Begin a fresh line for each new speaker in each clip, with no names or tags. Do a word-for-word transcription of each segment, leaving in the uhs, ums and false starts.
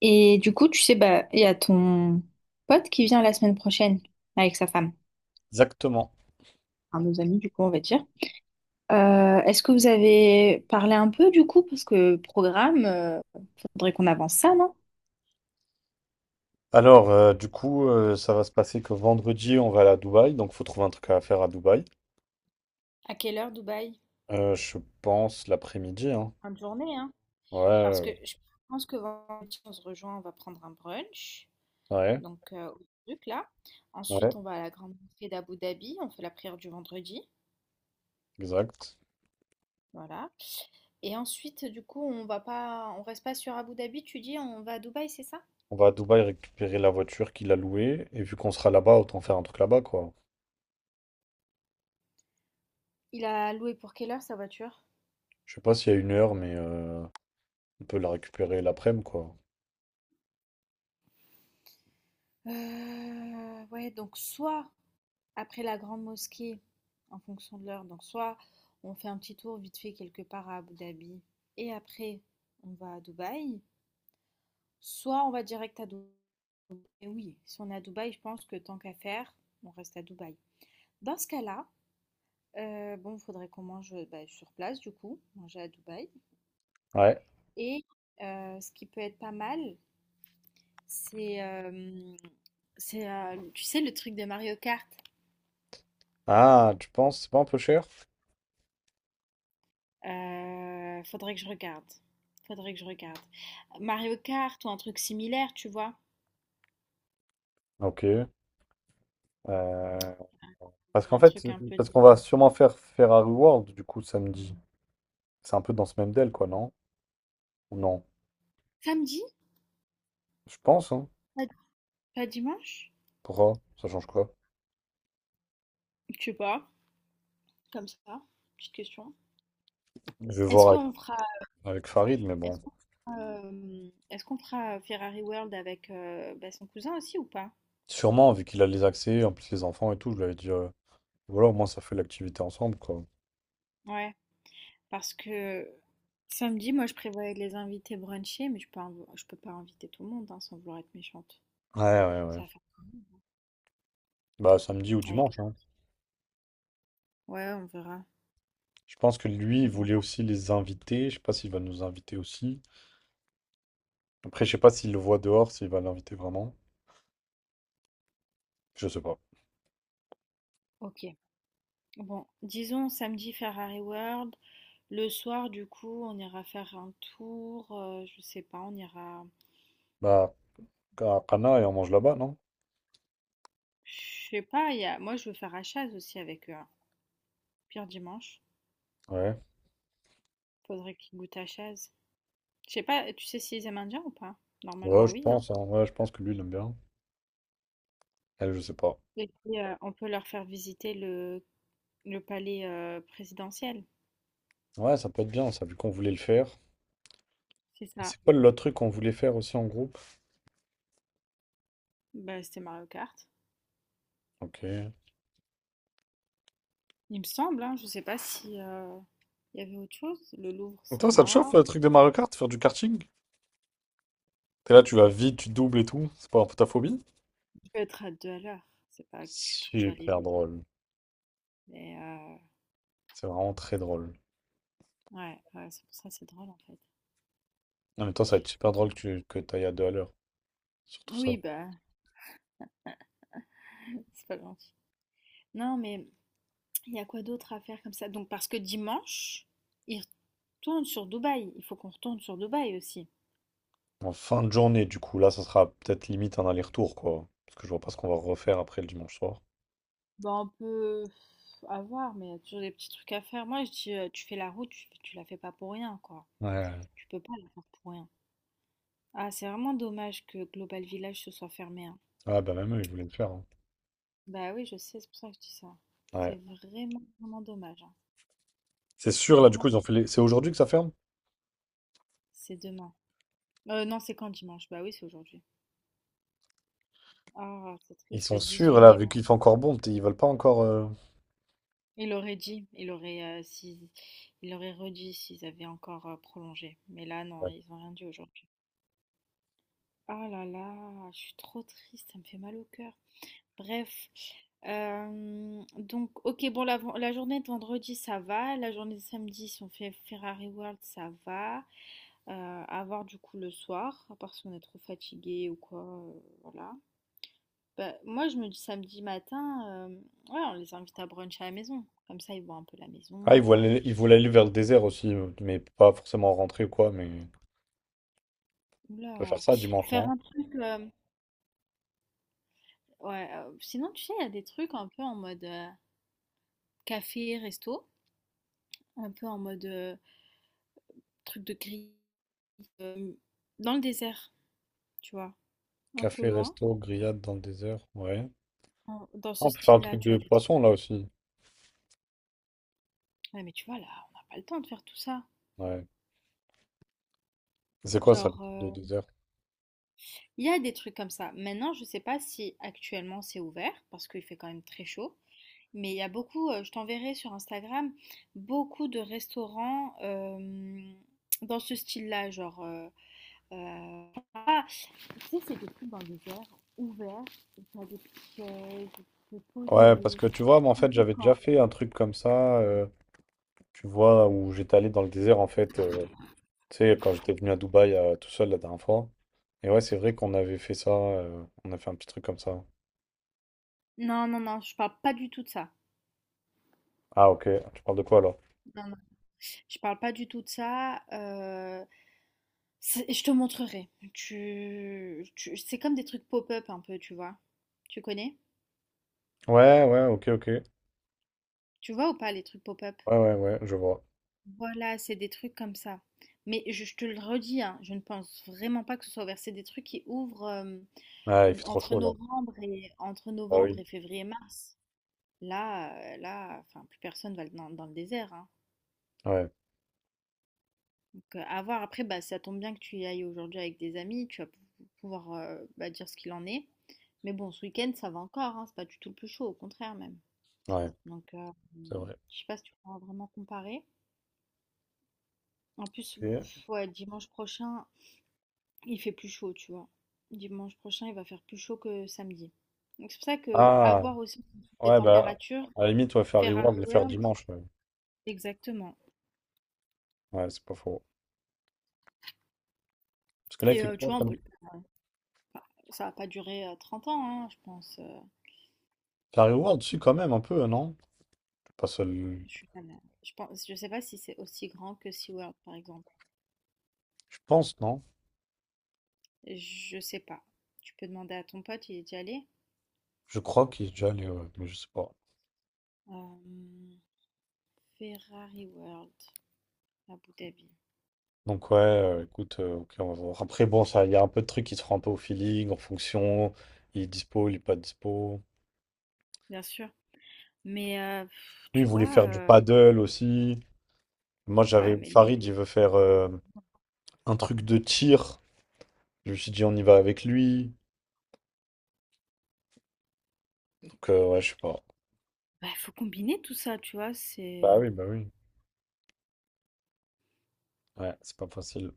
Et du coup, tu sais, bah, il y a ton pote qui vient la semaine prochaine avec sa femme,
Exactement.
un de nos amis, du coup, on va dire. Euh, est-ce que vous avez parlé un peu du coup? Parce que programme, euh, faudrait qu'on avance ça, non?
Alors, euh, du coup, euh, ça va se passer que vendredi, on va aller à Dubaï, donc faut trouver un truc à faire à Dubaï.
À quelle heure Dubaï?
Euh, je pense l'après-midi, hein.
Fin de journée, hein?
Ouais,
Parce
euh,
que je pense que vendredi, on se rejoint, on va prendre un brunch.
ouais,
Donc, euh, au truc là. Ensuite,
ouais,
on va à la grande mosquée d'Abu Dhabi. On fait la prière du vendredi.
exact.
Voilà. Et ensuite, du coup, on va pas, on reste pas sur Abu Dhabi. Tu dis, on va à Dubaï, c'est ça?
On va à Dubaï récupérer la voiture qu'il a louée, et vu qu'on sera là-bas, autant faire un truc là-bas, quoi.
Il a loué pour quelle heure sa voiture?
Je sais pas s'il y a une heure, mais euh, on peut la récupérer l'après-midi, quoi.
Euh, ouais, donc soit après la grande mosquée, en fonction de l'heure, donc soit on fait un petit tour vite fait quelque part à Abu Dhabi et après on va à Dubaï, soit on va direct à Dubaï. Et oui, si on est à Dubaï, je pense que tant qu'à faire, on reste à Dubaï. Dans ce cas-là, euh, bon, il faudrait qu'on mange bah, sur place du coup, manger à Dubaï.
Ouais.
Et euh, ce qui peut être pas mal, C'est, hem, c'est, heu, tu sais, le truc de Mario Kart?
Ah, tu penses, c'est pas un peu cher?
Heu, faudrait que je regarde. Faudrait que je regarde. Mario Kart ou un truc similaire, tu vois?
Ok. euh, Parce qu'en
Un
fait,
truc un peu de
parce qu'on va sûrement faire Ferrari World du coup samedi. C'est un peu dans ce même deal, quoi, non? Ou non.
samedi?
Je pense, hein.
Pas pas dimanche?
Pourquoi? Ça change quoi?
Je sais pas, comme ça, petite question.
Je vais
Est-ce
voir avec,
qu'on fera
avec Farid, mais bon.
est-ce qu'on fera, hem, est-ce qu'on fera Ferrari World avec, heu, bah, son cousin aussi ou pas?
Sûrement, vu qu'il a les accès, en plus les enfants et tout, je lui avais dit. euh, Voilà, au moins ça fait l'activité ensemble, quoi.
Ouais, parce que samedi, moi, je prévoyais de les inviter bruncher, mais je peux inv je peux pas inviter tout le monde, hein, sans vouloir être méchante.
Ouais, ouais, ouais.
Ça va,
Bah samedi ou
avec
dimanche,
ça.
hein.
Ouais, on verra.
Je pense que lui,
On
il
verra.
voulait aussi les inviter. Je sais pas s'il va nous inviter aussi. Après, je sais pas s'il le voit dehors, s'il va l'inviter vraiment. Je sais pas.
Ok. Bon, disons samedi Ferrari World. Le soir, du coup, on ira faire un tour. euh, je sais pas, on ira.
Bah. Ka- Kana, et on mange là-bas, non?
Je sais pas, il y a, moi je veux faire à Chaz aussi avec eux, hein. Pire dimanche.
Ouais.
Faudrait qu'ils goûtent à Chaz. Je sais pas, tu sais s'ils aiment indien ou pas?
Ouais,
Normalement,
je
oui, hein.
pense, hein. Ouais, je pense que lui, il aime bien. Elle, je sais pas.
Et puis, euh, on peut leur faire visiter le, le palais euh, présidentiel.
Ouais, ça peut être bien, ça, vu qu'on voulait le faire.
C'est ça.
C'est quoi le truc qu'on voulait faire aussi en groupe?
Bah, c'était Mario Kart.
Ok.
Il me semble, hein, je ne sais pas si euh, il y avait autre chose. Le Louvre,
Donc
c'est
toi, ça te chauffe,
mort.
le truc des Mario Kart, faire du karting? T'es là, tu vas vite, tu doubles et tout. C'est pas un peu ta phobie?
Je vais être à deux à l'heure. C'est pas du tout que je vais aller
Super
vite.
drôle.
Mais euh,
C'est vraiment très drôle.
ouais, ouais, c'est pour ça, c'est drôle en fait.
Non, mais toi, ça va être super
Donc,
drôle que tu que t'ailles à deux à l'heure, surtout ça.
oui, bah, c'est pas gentil. Non, mais il y a quoi d'autre à faire comme ça? Donc, parce que dimanche, ils retournent sur Dubaï. Il faut qu'on retourne sur Dubaï aussi.
En fin de journée, du coup, là, ça sera peut-être limite un aller-retour, quoi. Parce que je vois pas ce qu'on va refaire après le dimanche soir.
Bah, on peut avoir, mais il y a toujours des petits trucs à faire. Moi, je dis, euh, tu fais la route, tu, tu la fais pas pour rien, quoi.
Ouais.
Tu peux pas la faire pour rien. Ah, c'est vraiment dommage que Global Village se soit fermé, hein.
Ah, bah même eux, ils voulaient le faire, hein.
Bah oui, je sais, c'est pour ça que je dis ça.
Ouais.
C'est vraiment, vraiment dommage, hein.
C'est
Je suis
sûr, là, du
vraiment
coup, ils ont
triste.
fait les- c'est aujourd'hui que ça ferme?
C'est demain. Euh, non, c'est quand dimanche? Bah oui, c'est aujourd'hui. Ah, c'est
Ils
triste,
sont
le
sûrs,
dix-huit
là,
mai.
vu
ouais.
qu'il fait encore bon, peut-être ils veulent pas encore... euh,
Il aurait dit, il aurait, euh, si, il aurait redit s'ils avaient encore euh, prolongé. Mais là, non,
Ouais.
ils ont rien dit aujourd'hui. Ah là là, je suis trop triste, ça me fait mal au cœur. Bref, euh, donc, ok, bon, la, la journée de vendredi, ça va. La journée de samedi, si on fait Ferrari World, ça va. Euh, à voir du coup le soir, à part si on est trop fatigué ou quoi. Euh, voilà. Bah, moi, je me dis samedi matin, euh, ouais, on les invite à brunch à la maison. Comme ça, ils voient un peu la
Ah, ils
maison.
voulaient, aller- ils voulaient aller vers le désert aussi, euh, mais pas forcément rentrer ou quoi, mais on peut faire
Oula.
ça dimanche,
Faire
non?
un truc. Euh, ouais, euh, sinon, tu sais, il y a des trucs un peu en mode euh, café, resto. Un peu en mode euh, truc de grille. euh, Dans le désert, tu vois, un peu
Café,
loin,
resto, grillade dans le désert, ouais.
en- dans
Ah,
ce
on peut faire un
style-là,
truc
tu
de
vois, des trucs.
poisson, là, aussi.
Ouais, mais tu vois, là, on n'a pas le temps de faire tout ça.
Ouais. C'est quoi, ça, le
Genre,
truc
euh,
de désert?
il y a des trucs comme ça. Maintenant, je sais pas si actuellement c'est ouvert, parce qu'il fait quand même très chaud. Mais il y a beaucoup, euh, je t'enverrai sur Instagram, beaucoup de restaurants euh, dans ce style-là. Genre, euh, euh, ah, tu sais, c'est des trucs dans des airs ouverts, où t'as des petites chaises, où tu peux te
Ouais, parce
poser.
que tu vois, moi, en
Un
fait,
peu
j'avais déjà
quand-
fait un truc comme ça, euh, tu vois, où j'étais allé dans le désert, en fait, euh, tu sais, quand j'étais venu à Dubaï euh, tout seul la dernière fois. Et ouais, c'est vrai qu'on avait fait ça, euh, on a fait un petit truc comme ça.
Non, non, non, je parle pas du tout de ça.
Ah, ok, tu parles de quoi alors?
Non, non. Je parle pas du tout de ça. Euh, c'est- je te montrerai. Tu, tu- c'est comme des trucs pop-up un peu, tu vois. Tu connais?
Ouais, ouais, ok, ok.
Tu vois ou pas les trucs pop-up?
Ouais, ouais, ouais, je vois.
Voilà, c'est des trucs comme ça. Mais je, je te le redis, hein, je ne pense vraiment pas que ce soit ouvert. C'est des trucs qui ouvrent euh,
Ah, il fait trop
entre
chaud là.
novembre et entre
Ah
novembre
oui.
et février-mars. Là, euh, là, enfin, plus personne va dans, dans le désert, hein.
Ouais,
Donc, euh, à voir. Après, bah, ça tombe bien que tu y ailles aujourd'hui avec des amis. Tu vas pouvoir euh, bah, dire ce qu'il en est. Mais bon, ce week-end, ça va encore. Hein, c'est pas du tout le plus chaud, au contraire même.
ouais,
Donc, euh,
c'est vrai.
je sais pas si tu pourras vraiment comparer. En plus,
Ok.
ouais, dimanche prochain, il fait plus chaud, tu vois. Dimanche prochain, il va faire plus chaud que samedi. Donc, c'est pour ça que
Ah.
avoir aussi des
Ouais, bah,
températures,
à la limite, ouais, faire Reworld,
Ferrari
le faire
World,
dimanche. Ouais,
exactement.
ouais, c'est pas faux. Parce que là, il
Et
fait
euh, tu
quoi
vois, on peut,
comme.
le- ça va pas durer euh, trente ans, hein, je pense. euh,
Faire Reworld, si, quand même, un peu, euh, non? Pas seul.
Je suis pas là. Je pense, je sais pas si c'est aussi grand que SeaWorld, par exemple.
Je pense, non?
Je sais pas. Tu peux demander à ton pote, il est déjà allé.
Je crois qu'il est déjà allé, ouais, mais je sais pas.
Euh, Ferrari World, Abu Dhabi,
Donc, ouais, euh, écoute, euh, ok, on va voir. Après, bon, ça, il y a un peu de trucs qui se font un peu au feeling, en fonction. Il est dispo, il est pas dispo.
bien sûr. Mais euh, pff,
Lui, il
tu
voulait
vois,
faire du
euh,
paddle aussi. Moi, j'avais.
ouais, mais lui,
Farid, il veut faire euh, un truc de tir. Je me suis dit, on y va avec lui. Donc, euh, ouais, je sais pas.
bah, faut combiner tout ça, tu vois. C'est
Bah oui, bah oui. Ouais, c'est pas facile.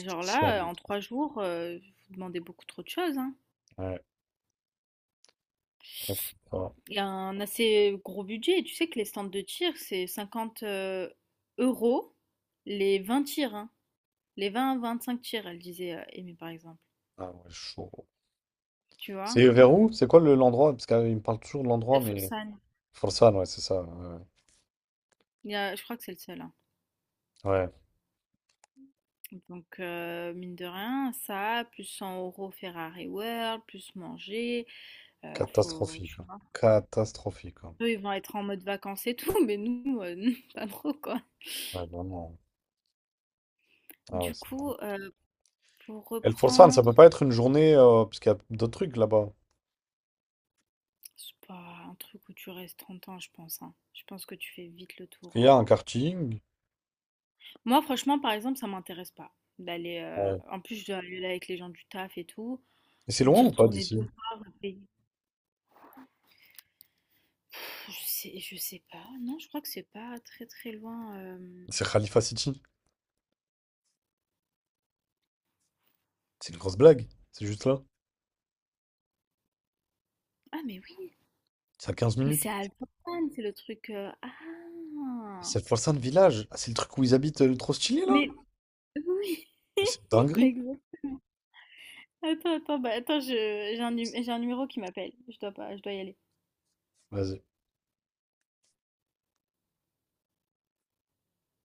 genre là, euh, en trois jours, euh, vous demandez beaucoup trop de choses, hein.
Ouais, ah, c'est fort.
Il y a un assez gros budget. Tu sais que les stands de tir, c'est cinquante euh, euros les vingt tirs, hein. Les vingt vingt-cinq tirs, elle disait euh, Aimée, par exemple.
Ah ouais, chaud.
Tu vois?
C'est vers où? C'est quoi le- l'endroit? Parce qu'il me parle toujours de l'endroit, mais...
Elfelsheim.
Forsan, ouais, c'est ça. Ouais, ouais.
Il y a- je crois que c'est le seul, hein.
Ouais,
Donc, euh, mine de rien, ça, plus cent euros Ferrari World, plus manger, euh, faut,
catastrophique,
tu
hein.
vois.
Catastrophique, hein.
Eux, ils vont être en mode vacances et tout, mais nous, euh, pas trop, quoi.
Ouais, vraiment. Ah ouais,
Du
c'est...
coup, euh, pour
Et le Forsan, ça peut
reprendre,
pas être une journée, euh, parce qu'il y a d'autres trucs là-bas.
c'est pas un truc où tu restes trente ans, je pense, hein. Je pense que tu fais vite le tour,
Il y
hein.
a un karting.
Moi, franchement, par exemple, ça m'intéresse pas d'aller. euh,
Ouais.
En plus, je dois aller là avec les gens du taf et tout.
Et c'est loin
D'y
ou pas
retourner deux
d'ici?
fois, repayer. Pff, Je sais je sais pas. Non, je crois que c'est pas très, très loin, hem
C'est Khalifa City. C'est une grosse blague. C'est juste là.
ah mais oui,
C'est à quinze
mais
minutes.
c'est à Jordan, c'est le truc, heu ah!
C'est le Forsan Village. Ah, c'est le truc où ils habitent euh, le trop stylé, là?
Mais oui,
Mais c'est une dinguerie.
exact. Attends, attends, bah, attends, je j'ai un num j'ai un numéro qui m'appelle. Je dois pas je dois y aller.
Vas-y.